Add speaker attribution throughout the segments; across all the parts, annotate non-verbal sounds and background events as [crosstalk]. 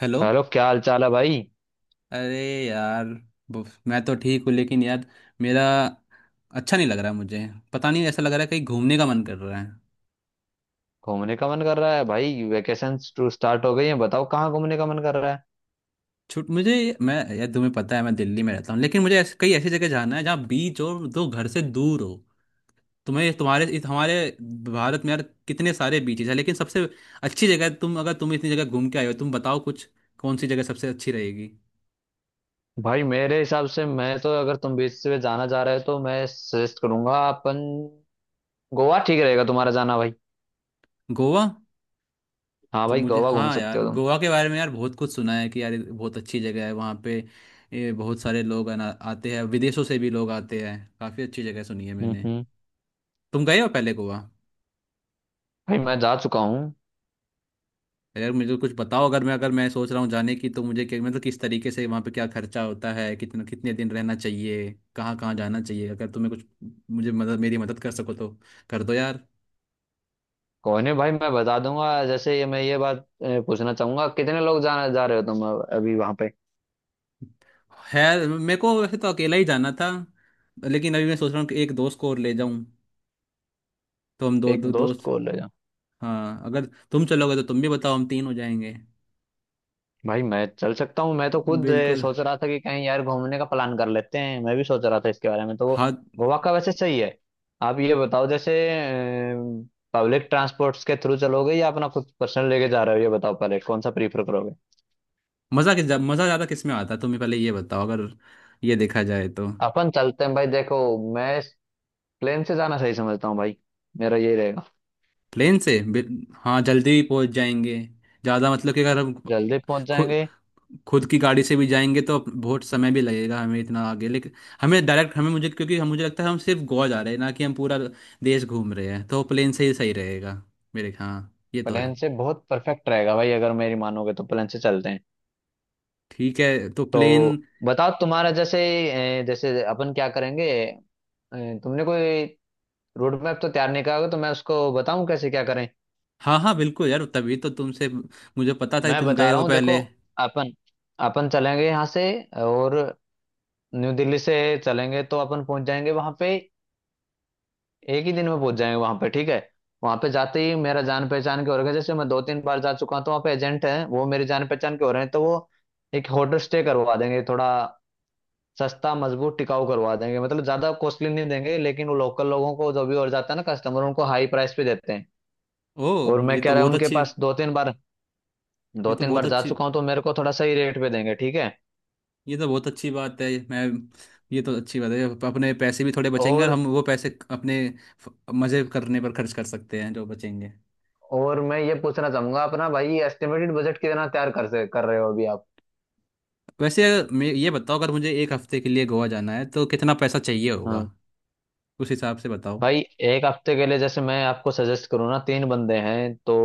Speaker 1: Hello.
Speaker 2: Hello, क्या हाल चाल है भाई।
Speaker 1: अरे यार। मैं तो ठीक हूँ लेकिन यार, मेरा अच्छा नहीं लग रहा। मुझे पता नहीं, ऐसा लग रहा है कहीं घूमने का मन कर रहा है।
Speaker 2: घूमने का मन कर रहा है भाई। वेकेशन टू स्टार्ट हो गई है, बताओ कहाँ घूमने का मन कर रहा है।
Speaker 1: छुट मुझे। मैं यार, तुम्हें पता है मैं दिल्ली में रहता हूँ, लेकिन मुझे ऐसे, कई ऐसी जगह जाना है जहाँ बीच हो, जो घर से दूर हो। तुम्हें तुम्हारे इस हमारे भारत में यार कितने सारे बीचेस हैं, लेकिन सबसे अच्छी जगह, तुम अगर तुम इतनी जगह घूम के आए हो, तुम बताओ कुछ। कौन सी जगह सबसे अच्छी रहेगी?
Speaker 2: भाई मेरे हिसाब से मैं तो अगर तुम बीच से जाना चाह रहे हो तो मैं सजेस्ट करूंगा अपन गोवा ठीक रहेगा तुम्हारा जाना भाई।
Speaker 1: गोवा।
Speaker 2: हाँ
Speaker 1: तो
Speaker 2: भाई,
Speaker 1: मुझे,
Speaker 2: गोवा घूम
Speaker 1: हाँ
Speaker 2: सकते
Speaker 1: यार,
Speaker 2: हो तुम।
Speaker 1: गोवा के बारे में यार बहुत कुछ सुना है कि यार ये बहुत अच्छी जगह है। वहाँ पे ये बहुत सारे लोग आना आते हैं, विदेशों से भी लोग आते हैं, काफ़ी अच्छी जगह सुनी है
Speaker 2: हम्म,
Speaker 1: मैंने।
Speaker 2: हम्म।
Speaker 1: तुम गए हो पहले गोवा?
Speaker 2: भाई मैं जा चुका हूँ।
Speaker 1: यार मुझे कुछ बताओ, अगर मैं सोच रहा हूँ जाने की, तो मुझे क्या मतलब किस तरीके से वहाँ पे क्या खर्चा होता है, कितना, कितने दिन रहना चाहिए, कहाँ कहाँ जाना चाहिए? अगर तुम्हें कुछ मुझे मदद मेरी मदद कर सको तो कर दो यार।
Speaker 2: कोई नहीं भाई, मैं बता दूंगा। जैसे ये बात पूछना चाहूंगा कितने लोग जाना जा रहे हो तुम अभी वहां पे।
Speaker 1: है, मेरे को वैसे तो अकेला ही जाना था, लेकिन अभी मैं सोच रहा हूँ कि एक दोस्त को और ले जाऊं। तो हम दो
Speaker 2: एक
Speaker 1: दो
Speaker 2: दोस्त
Speaker 1: दोस्त।
Speaker 2: को ले।
Speaker 1: हाँ, अगर तुम चलोगे तो तुम भी बताओ, हम तीन हो जाएंगे।
Speaker 2: भाई मैं चल सकता हूँ, मैं तो खुद
Speaker 1: बिल्कुल।
Speaker 2: सोच रहा था कि कहीं यार घूमने का प्लान कर लेते हैं, मैं भी सोच रहा था इसके बारे में तो।
Speaker 1: हाँ।
Speaker 2: गोवा का वैसे सही है। आप ये बताओ, जैसे पब्लिक ट्रांसपोर्ट्स के थ्रू चलोगे या अपना खुद पर्सनल लेके जा रहे हो, ये बताओ पहले कौन सा प्रीफर करोगे।
Speaker 1: मज़ा ज़्यादा किस में आता है तुम्हें, पहले ये बताओ, अगर ये देखा जाए तो।
Speaker 2: अपन चलते हैं भाई, देखो मैं प्लेन से जाना सही समझता हूँ भाई, मेरा यही रहेगा।
Speaker 1: प्लेन से। हाँ, जल्दी भी पहुंच जाएंगे ज़्यादा। मतलब कि अगर हम
Speaker 2: जल्दी पहुंच
Speaker 1: खुद
Speaker 2: जाएंगे।
Speaker 1: खुद की गाड़ी से भी जाएंगे तो बहुत समय भी लगेगा हमें, इतना आगे। लेकिन हमें डायरेक्ट हमें मुझे, क्योंकि हम मुझे लगता है हम सिर्फ गोवा जा रहे हैं, ना कि हम पूरा देश घूम रहे हैं, तो प्लेन से ही सही रहेगा। मेरे हाँ, ये तो
Speaker 2: प्लेन
Speaker 1: है।
Speaker 2: से बहुत परफेक्ट रहेगा भाई, अगर मेरी मानोगे तो प्लेन से चलते हैं।
Speaker 1: ठीक है, तो प्लेन।
Speaker 2: तो बताओ तुम्हारा जैसे जैसे अपन क्या करेंगे। तुमने कोई रोड मैप तो तैयार नहीं करा होगा, तो मैं उसको बताऊं कैसे क्या करें।
Speaker 1: हाँ हाँ, बिल्कुल यार, तभी तो तुमसे, मुझे पता था कि
Speaker 2: मैं
Speaker 1: तुम गए
Speaker 2: बता रहा
Speaker 1: हो
Speaker 2: हूँ देखो,
Speaker 1: पहले।
Speaker 2: अपन अपन चलेंगे यहाँ से और न्यू दिल्ली से चलेंगे तो अपन पहुंच जाएंगे वहां पे। एक ही दिन में पहुंच जाएंगे वहां पे, ठीक है। वहां पे जाते ही मेरा जान पहचान के हो रहा है, जैसे मैं दो तीन बार जा चुका हूँ तो वहाँ पे एजेंट हैं वो मेरे जान पहचान के हो रहे हैं, तो वो एक होटल स्टे करवा देंगे थोड़ा सस्ता मजबूत टिकाऊ करवा देंगे, मतलब ज्यादा कॉस्टली नहीं देंगे। लेकिन वो लोकल लोगों को जो भी और जाता है ना कस्टमर, उनको हाई प्राइस पे देते हैं।
Speaker 1: ओ!
Speaker 2: और मैं
Speaker 1: ये
Speaker 2: कह
Speaker 1: तो
Speaker 2: रहा हूँ
Speaker 1: बहुत
Speaker 2: उनके
Speaker 1: अच्छी
Speaker 2: पास दो तीन बार,
Speaker 1: ये
Speaker 2: दो
Speaker 1: तो
Speaker 2: तीन
Speaker 1: बहुत
Speaker 2: बार जा
Speaker 1: अच्छी
Speaker 2: चुका हूँ, तो मेरे को थोड़ा सही रेट पे देंगे, ठीक है।
Speaker 1: ये तो बहुत अच्छी बात है। मैं ये तो अच्छी बात है। अपने पैसे भी थोड़े बचेंगे, और
Speaker 2: और
Speaker 1: हम वो पैसे अपने मजे करने पर खर्च कर सकते हैं जो बचेंगे।
Speaker 2: और मैं ये पूछना चाहूंगा, अपना भाई एस्टिमेटेड बजट कितना तैयार कर रहे हो अभी आप।
Speaker 1: वैसे मैं ये बताओ, अगर मुझे एक हफ्ते के लिए गोवा जाना है तो कितना पैसा चाहिए
Speaker 2: हाँ
Speaker 1: होगा, उस हिसाब से बताओ।
Speaker 2: भाई, एक हफ्ते के लिए जैसे मैं आपको सजेस्ट करूँ ना, तीन बंदे हैं तो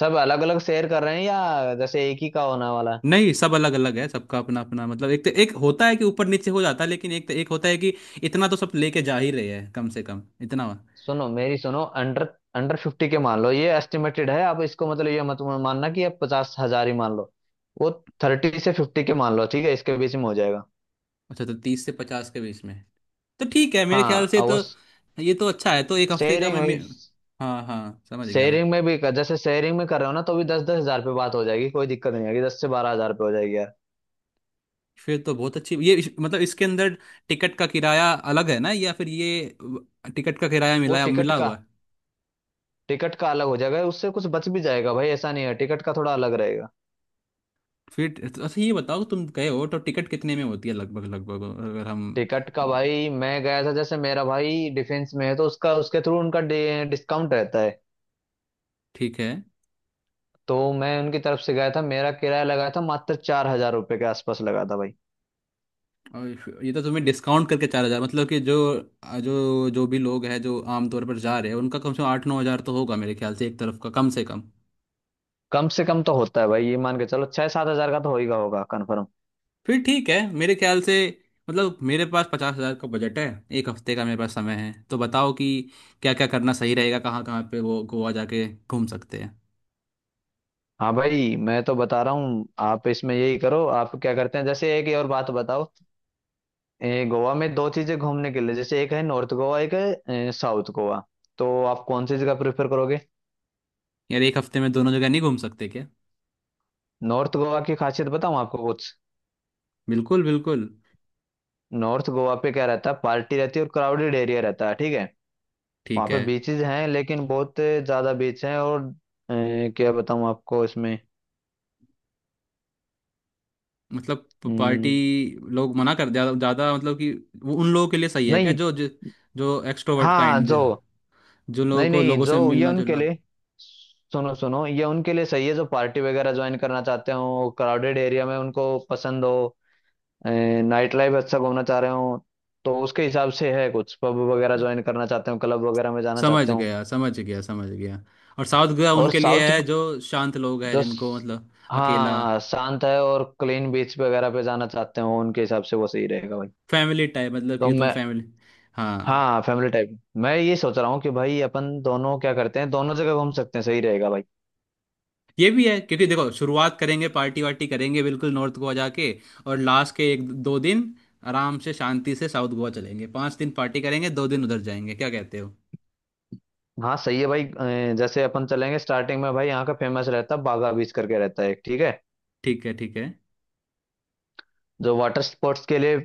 Speaker 2: सब अलग अलग शेयर कर रहे हैं या जैसे एक ही का होने वाला है।
Speaker 1: नहीं, सब अलग अलग है, सबका अपना अपना। मतलब एक तो एक होता है कि ऊपर नीचे हो जाता है, लेकिन एक तो एक होता है कि इतना तो सब लेके जा ही रहे हैं, कम से कम इतना।
Speaker 2: सुनो मेरी सुनो, अंडर अंडर फिफ्टी के मान लो, ये एस्टिमेटेड है। आप इसको मतलब ये मत मानना कि आप 50,000 ही मान लो। वो थर्टी से फिफ्टी के मान लो, ठीक है, इसके बीच में हो जाएगा।
Speaker 1: अच्छा, तो 30 से 50 के बीच में तो ठीक है मेरे
Speaker 2: हाँ
Speaker 1: ख्याल से।
Speaker 2: और वो
Speaker 1: तो ये तो अच्छा है। तो एक हफ्ते का
Speaker 2: शेयरिंग
Speaker 1: मैं,
Speaker 2: में
Speaker 1: मैं हाँ हाँ, समझ गया मैं।
Speaker 2: शेयरिंग में भी कर, जैसे शेयरिंग में कर रहे हो ना तो भी दस दस हजार पे बात हो जाएगी, कोई दिक्कत नहीं आएगी, दस से बारह हजार पे हो जाएगी यार।
Speaker 1: फिर तो बहुत अच्छी। मतलब इसके अंदर टिकट का किराया अलग है ना, या फिर ये टिकट का किराया
Speaker 2: वो टिकट
Speaker 1: मिला
Speaker 2: का
Speaker 1: हुआ है?
Speaker 2: टिकट का अलग हो जाएगा, उससे कुछ बच भी जाएगा भाई, ऐसा नहीं है, टिकट का थोड़ा अलग रहेगा।
Speaker 1: फिर तो अच्छा। ये बताओ, तुम गए हो तो टिकट कितने में होती है लगभग लगभग, अगर हम?
Speaker 2: टिकट का भाई मैं गया था, जैसे मेरा भाई डिफेंस में है तो उसका उसके थ्रू उनका डिस्काउंट रहता है,
Speaker 1: ठीक है।
Speaker 2: तो मैं उनकी तरफ से गया था, मेरा किराया लगा था मात्र 4,000 रुपये के आसपास लगा था भाई।
Speaker 1: और ये तो तुम्हें डिस्काउंट करके 4 हज़ार? मतलब कि जो जो जो भी लोग हैं, जो आमतौर पर जा रहे हैं, उनका कम से कम 8-9 हज़ार तो होगा मेरे ख्याल से एक तरफ का, कम से कम।
Speaker 2: कम से कम तो होता है भाई, ये मान के चलो छह सात हजार का तो होगा होगा कन्फर्म।
Speaker 1: फिर ठीक है मेरे ख्याल से। मतलब मेरे पास 50 हजार का बजट है, एक हफ्ते का मेरे पास समय है, तो बताओ कि क्या क्या करना सही रहेगा, कहाँ कहाँ पे वो गोवा जाके घूम सकते हैं।
Speaker 2: हाँ भाई मैं तो बता रहा हूँ, आप इसमें यही करो, आप क्या करते हैं, जैसे एक ही और बात बताओ। गोवा में दो चीजें घूमने के लिए, जैसे एक है नॉर्थ गोवा, एक है साउथ गोवा, तो आप कौन सी जगह प्रेफर करोगे।
Speaker 1: यार, एक हफ्ते में दोनों जगह नहीं घूम सकते क्या?
Speaker 2: नॉर्थ गोवा की खासियत बताऊँ आपको कुछ।
Speaker 1: बिल्कुल बिल्कुल।
Speaker 2: नॉर्थ गोवा पे क्या रहता है, पार्टी रहती है और क्राउडेड एरिया रहता है, ठीक है। वहाँ
Speaker 1: ठीक
Speaker 2: पे
Speaker 1: है।
Speaker 2: बीचेस हैं, लेकिन बहुत ज्यादा बीच हैं और क्या बताऊँ आपको इसमें।
Speaker 1: मतलब पार्टी
Speaker 2: हम्म।
Speaker 1: लोग, मना कर, ज़्यादा ज़्यादा मतलब कि, वो उन लोगों के लिए सही है क्या,
Speaker 2: नहीं।
Speaker 1: जो जो, जो, एक्सट्रोवर्ट
Speaker 2: हाँ
Speaker 1: काइंड,
Speaker 2: जो।
Speaker 1: जो
Speaker 2: नहीं, नहीं
Speaker 1: लोगों
Speaker 2: जो
Speaker 1: से
Speaker 2: ये
Speaker 1: मिलना
Speaker 2: उनके
Speaker 1: जुलना।
Speaker 2: लिए, सुनो सुनो ये उनके लिए सही है, जो पार्टी वगैरह ज्वाइन करना चाहते हो, क्राउडेड एरिया में उनको पसंद हो, नाइट लाइफ अच्छा घूमना चाह रहे हो, तो उसके हिसाब से है, कुछ पब वगैरह ज्वाइन करना चाहते हो, क्लब वगैरह में जाना
Speaker 1: समझ
Speaker 2: चाहते हो।
Speaker 1: गया समझ गया समझ गया। और साउथ गोवा
Speaker 2: और
Speaker 1: उनके लिए
Speaker 2: साउथ,
Speaker 1: है जो शांत लोग हैं,
Speaker 2: जो
Speaker 1: जिनको
Speaker 2: स-
Speaker 1: मतलब अकेला,
Speaker 2: हाँ शांत है और क्लीन बीच वगैरह पे जाना चाहते हो, उनके हिसाब से वो सही रहेगा भाई।
Speaker 1: फैमिली टाइप, मतलब
Speaker 2: तो
Speaker 1: कि तुम
Speaker 2: मैं,
Speaker 1: फैमिली। हाँ,
Speaker 2: हाँ फैमिली टाइप। मैं ये सोच रहा हूँ कि भाई अपन दोनों क्या करते हैं, दोनों जगह घूम सकते हैं, सही रहेगा भाई।
Speaker 1: ये भी है, क्योंकि देखो, शुरुआत करेंगे पार्टी वार्टी करेंगे बिल्कुल नॉर्थ गोवा जाके, और लास्ट के एक दो दिन आराम से शांति से साउथ गोवा चलेंगे। 5 दिन पार्टी करेंगे, 2 दिन उधर जाएंगे, क्या कहते हो?
Speaker 2: हाँ सही है भाई, जैसे अपन चलेंगे स्टार्टिंग में भाई, यहाँ का फेमस रहता है बागा बीच करके रहता है एक, ठीक है,
Speaker 1: ठीक है। ठीक है।
Speaker 2: जो वाटर स्पोर्ट्स के लिए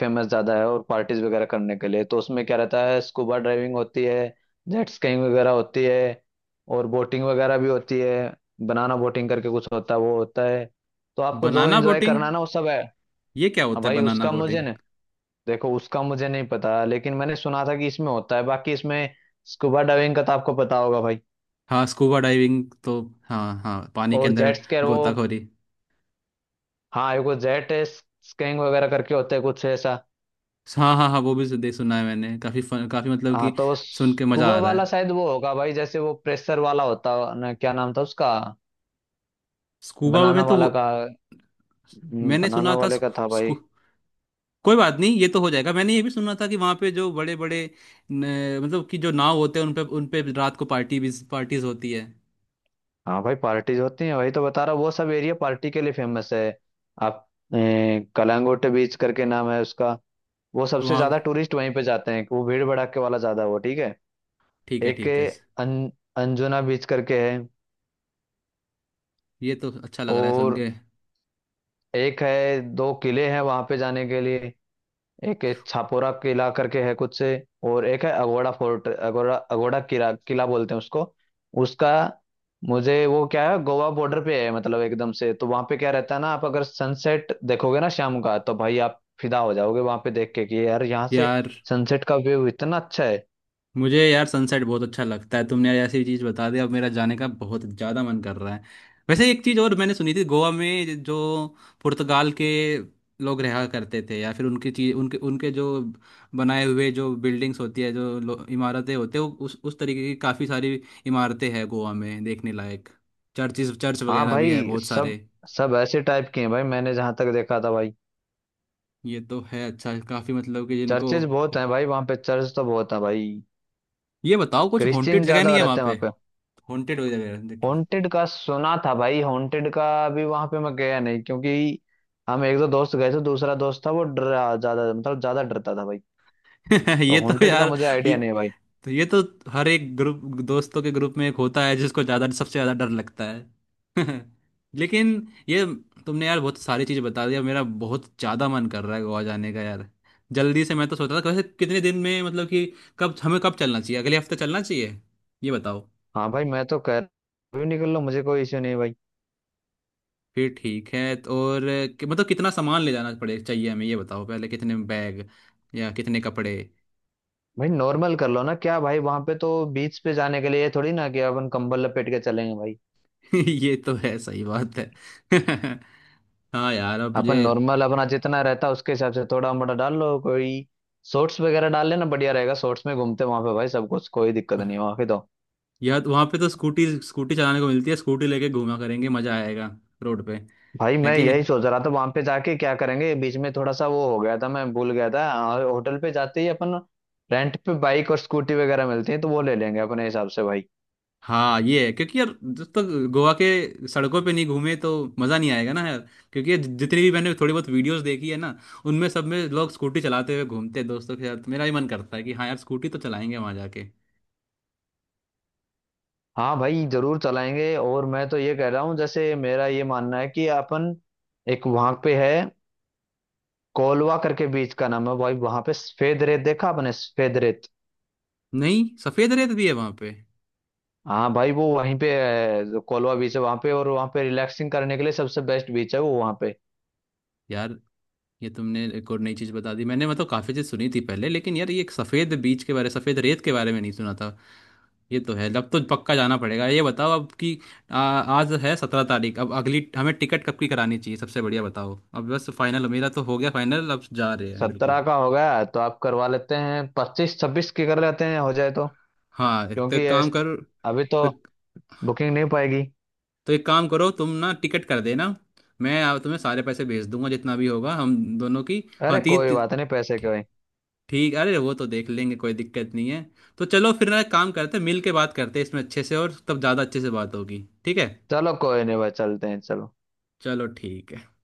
Speaker 2: फेमस ज्यादा है और पार्टीज वगैरह करने के लिए। तो उसमें क्या रहता है, स्कूबा ड्राइविंग होती है, जेट स्कीइंग वगैरह होती है और बोटिंग वगैरह भी होती है। बनाना बोटिंग करके कुछ होता है, वो होता है, तो आपको जो
Speaker 1: बनाना
Speaker 2: एंजॉय
Speaker 1: बोटिंग?
Speaker 2: करना है ना, वो सब है।
Speaker 1: ये क्या
Speaker 2: अब
Speaker 1: होता है
Speaker 2: भाई
Speaker 1: बनाना
Speaker 2: उसका मुझे
Speaker 1: बोटिंग?
Speaker 2: ना, देखो उसका मुझे नहीं पता, लेकिन मैंने सुना था कि इसमें होता है, बाकी इसमें स्कूबा डाइविंग का तो आपको पता होगा भाई।
Speaker 1: हाँ, स्कूबा डाइविंग तो, हाँ हाँ, पानी के
Speaker 2: और
Speaker 1: अंदर।
Speaker 2: जेट स्कैर वो,
Speaker 1: गोताखोरी।
Speaker 2: हाँ एक वो जेट स्कीइंग वगैरह करके होते हैं कुछ ऐसा।
Speaker 1: हाँ हाँ हाँ, वो भी देख सुना है मैंने, काफी फन, काफी मतलब
Speaker 2: हाँ
Speaker 1: कि,
Speaker 2: तो
Speaker 1: सुन के मजा
Speaker 2: स्कूबा
Speaker 1: आ रहा
Speaker 2: वाला
Speaker 1: है।
Speaker 2: शायद वो होगा भाई, जैसे वो प्रेशर वाला होता है ना, क्या नाम था उसका,
Speaker 1: स्कूबा
Speaker 2: बनाना
Speaker 1: में तो
Speaker 2: वाला
Speaker 1: वो-
Speaker 2: का,
Speaker 1: मैंने
Speaker 2: बनाना
Speaker 1: सुना था
Speaker 2: वाले का
Speaker 1: स्कू,
Speaker 2: था भाई।
Speaker 1: स्कू, कोई बात नहीं, ये तो हो जाएगा। मैंने ये भी सुना था कि वहाँ पे जो बड़े बड़े मतलब कि जो नाव होते हैं, उन पे रात को पार्टी भी पार्टीज होती है।
Speaker 2: हाँ भाई पार्टीज होती हैं, वही तो बता रहा हूँ, वो सब एरिया पार्टी के लिए फेमस है। आप कलांगुट बीच करके नाम है उसका, वो
Speaker 1: तो
Speaker 2: सबसे
Speaker 1: वहाँ
Speaker 2: ज्यादा टूरिस्ट वहीं पे जाते हैं, वो भीड़ भड़ाके वाला ज्यादा वो, ठीक है।
Speaker 1: ठीक है।
Speaker 2: एक
Speaker 1: ठीक है।
Speaker 2: है अन, अंजुना बीच करके है।
Speaker 1: ये तो अच्छा लग रहा है सुन
Speaker 2: और
Speaker 1: के
Speaker 2: एक है, दो किले हैं वहां पे जाने के लिए, एक है छापोरा किला करके है कुछ से, और एक है अगोड़ा फोर्ट, अगोड़ा, अगोड़ा किला किला बोलते हैं उसको। उसका मुझे वो क्या है गोवा बॉर्डर पे है मतलब एकदम से, तो वहां पे क्या रहता है ना, आप अगर सनसेट देखोगे ना शाम का, तो भाई आप फिदा हो जाओगे वहां पे देख के कि यार यहाँ से
Speaker 1: यार।
Speaker 2: सनसेट का व्यू इतना अच्छा है।
Speaker 1: मुझे यार सनसेट बहुत अच्छा लगता है, तुमने यार ऐसी चीज़ बता दी, अब मेरा जाने का बहुत ज़्यादा मन कर रहा है। वैसे एक चीज़ और मैंने सुनी थी, गोवा में जो पुर्तगाल के लोग रहा करते थे, या फिर उनकी चीज, उनके उनके जो बनाए हुए जो बिल्डिंग्स होती है, जो इमारतें होते हैं, वो उस तरीके की काफ़ी सारी इमारतें हैं गोवा में देखने लायक, चर्च
Speaker 2: हाँ
Speaker 1: वगैरह भी है
Speaker 2: भाई,
Speaker 1: बहुत
Speaker 2: सब
Speaker 1: सारे।
Speaker 2: सब ऐसे टाइप के हैं भाई, मैंने जहां तक देखा था भाई।
Speaker 1: ये तो है अच्छा, काफ़ी मतलब कि जिनको।
Speaker 2: चर्चेज बहुत हैं भाई, वहां पे चर्च तो बहुत है भाई,
Speaker 1: ये बताओ, कुछ हॉन्टेड
Speaker 2: क्रिश्चियन
Speaker 1: जगह नहीं
Speaker 2: ज्यादा
Speaker 1: है वहाँ
Speaker 2: रहते हैं
Speaker 1: पे?
Speaker 2: वहां पे।
Speaker 1: हॉन्टेड हो जगह, देखिए।
Speaker 2: हॉन्टेड का सुना था भाई, हॉन्टेड का भी वहां पे, मैं गया नहीं क्योंकि हम एक दो दोस्त गए थे, दूसरा दोस्त था वो डरा ज्यादा, मतलब ज्यादा डरता था भाई,
Speaker 1: [laughs]
Speaker 2: तो
Speaker 1: ये तो
Speaker 2: हॉन्टेड का
Speaker 1: यार!
Speaker 2: मुझे
Speaker 1: ये
Speaker 2: आइडिया नहीं है भाई।
Speaker 1: ये तो हर एक ग्रुप, दोस्तों के ग्रुप में एक होता है जिसको ज्यादा सबसे ज्यादा डर लगता है। [laughs] लेकिन ये, तुमने यार बहुत सारी चीज़ बता दी, अब मेरा बहुत ज्यादा मन कर रहा है गोवा जाने का यार, जल्दी से। मैं तो सोच रहा था, वैसे कितने दिन में मतलब कि कब हमें, कब चलना चाहिए? अगले हफ्ते चलना चाहिए, ये बताओ।
Speaker 2: हाँ भाई मैं तो कह, भी निकल लो मुझे कोई इश्यू नहीं है भाई।
Speaker 1: फिर ठीक है। तो और मतलब कितना सामान ले जाना पड़े चाहिए हमें, ये बताओ पहले, कितने बैग या कितने कपड़े?
Speaker 2: भाई नॉर्मल कर लो ना क्या भाई, वहां पे तो बीच पे जाने के लिए ये थोड़ी ना कि अपन कंबल लपेट के चलेंगे भाई।
Speaker 1: [laughs] ये तो है, सही बात है। [laughs] हाँ यार, अब
Speaker 2: अपन
Speaker 1: मुझे,
Speaker 2: नॉर्मल अपना जितना रहता है उसके हिसाब से थोड़ा मोटा डाल लो, कोई शॉर्ट्स वगैरह डाल लेना बढ़िया रहेगा, शॉर्ट्स में घूमते वहां पे भाई सब कुछ, कोई दिक्कत नहीं है वहां पे तो।
Speaker 1: यार वहां पे तो स्कूटी स्कूटी चलाने को मिलती है, स्कूटी लेके घूमा करेंगे, मजा आएगा रोड पे,
Speaker 2: भाई
Speaker 1: है
Speaker 2: मैं
Speaker 1: कि
Speaker 2: यही
Speaker 1: नहीं?
Speaker 2: सोच रहा था वहां पे जाके क्या करेंगे, बीच में थोड़ा सा वो हो गया था, मैं भूल गया था होटल पे जाते ही अपन रेंट पे बाइक और स्कूटी वगैरह मिलती है, तो वो ले लेंगे अपने हिसाब से भाई।
Speaker 1: हाँ ये है, क्योंकि यार जब तक गोवा के सड़कों पे नहीं घूमे तो मजा नहीं आएगा ना यार, क्योंकि ये जितनी भी मैंने थोड़ी बहुत वीडियोस देखी है ना, उनमें सब में लोग स्कूटी चलाते हुए घूमते हैं दोस्तों के साथ, मेरा भी मन करता है कि हाँ यार, स्कूटी तो चलाएंगे वहां जाके।
Speaker 2: हाँ भाई जरूर चलाएंगे, और मैं तो ये कह रहा हूँ, जैसे मेरा ये मानना है कि अपन एक वहां पे है कोलवा करके बीच का नाम है भाई, वहां पे सफेद रेत देखा आपने सफेद रेत।
Speaker 1: नहीं, सफेद रेत भी है वहां पे?
Speaker 2: हाँ भाई वो वहीं पे है, जो कोलवा बीच है वहां पे, और वहां पे रिलैक्सिंग करने के लिए सबसे बेस्ट बीच है वो वहां पे।
Speaker 1: यार, ये तुमने एक और नई चीज बता दी, मैंने मतलब काफी चीज सुनी थी पहले, लेकिन यार ये एक सफेद बीज के बारे, सफेद रेत के बारे में नहीं सुना था। ये तो है, अब तो पक्का जाना पड़ेगा। ये बताओ अब कि, आज है 17 तारीख, अब अगली हमें टिकट कब की करानी चाहिए, सबसे बढ़िया बताओ, अब बस फाइनल, मेरा तो हो गया फाइनल, अब जा रहे हैं बिल्कुल।
Speaker 2: 17 का हो गया तो आप करवा लेते हैं, 25-26 के कर लेते हैं हो जाए तो,
Speaker 1: हाँ, एक तो
Speaker 2: क्योंकि
Speaker 1: एक
Speaker 2: ये
Speaker 1: काम करो।
Speaker 2: अभी तो
Speaker 1: तो
Speaker 2: बुकिंग नहीं हो पाएगी।
Speaker 1: एक काम करो तुम ना, टिकट कर देना, मैं तुम्हें सारे पैसे भेज दूंगा जितना भी होगा, हम दोनों की, हाँ
Speaker 2: अरे
Speaker 1: तीन।
Speaker 2: कोई बात नहीं पैसे के भाई,
Speaker 1: ठीक, अरे, वो तो देख लेंगे, कोई दिक्कत नहीं है। तो चलो, फिर ना एक काम करते हैं, मिल के बात करते हैं इसमें अच्छे से, और तब ज़्यादा अच्छे से बात होगी, ठीक है।
Speaker 2: चलो कोई नहीं भाई, चलते हैं चलो।
Speaker 1: चलो ठीक है।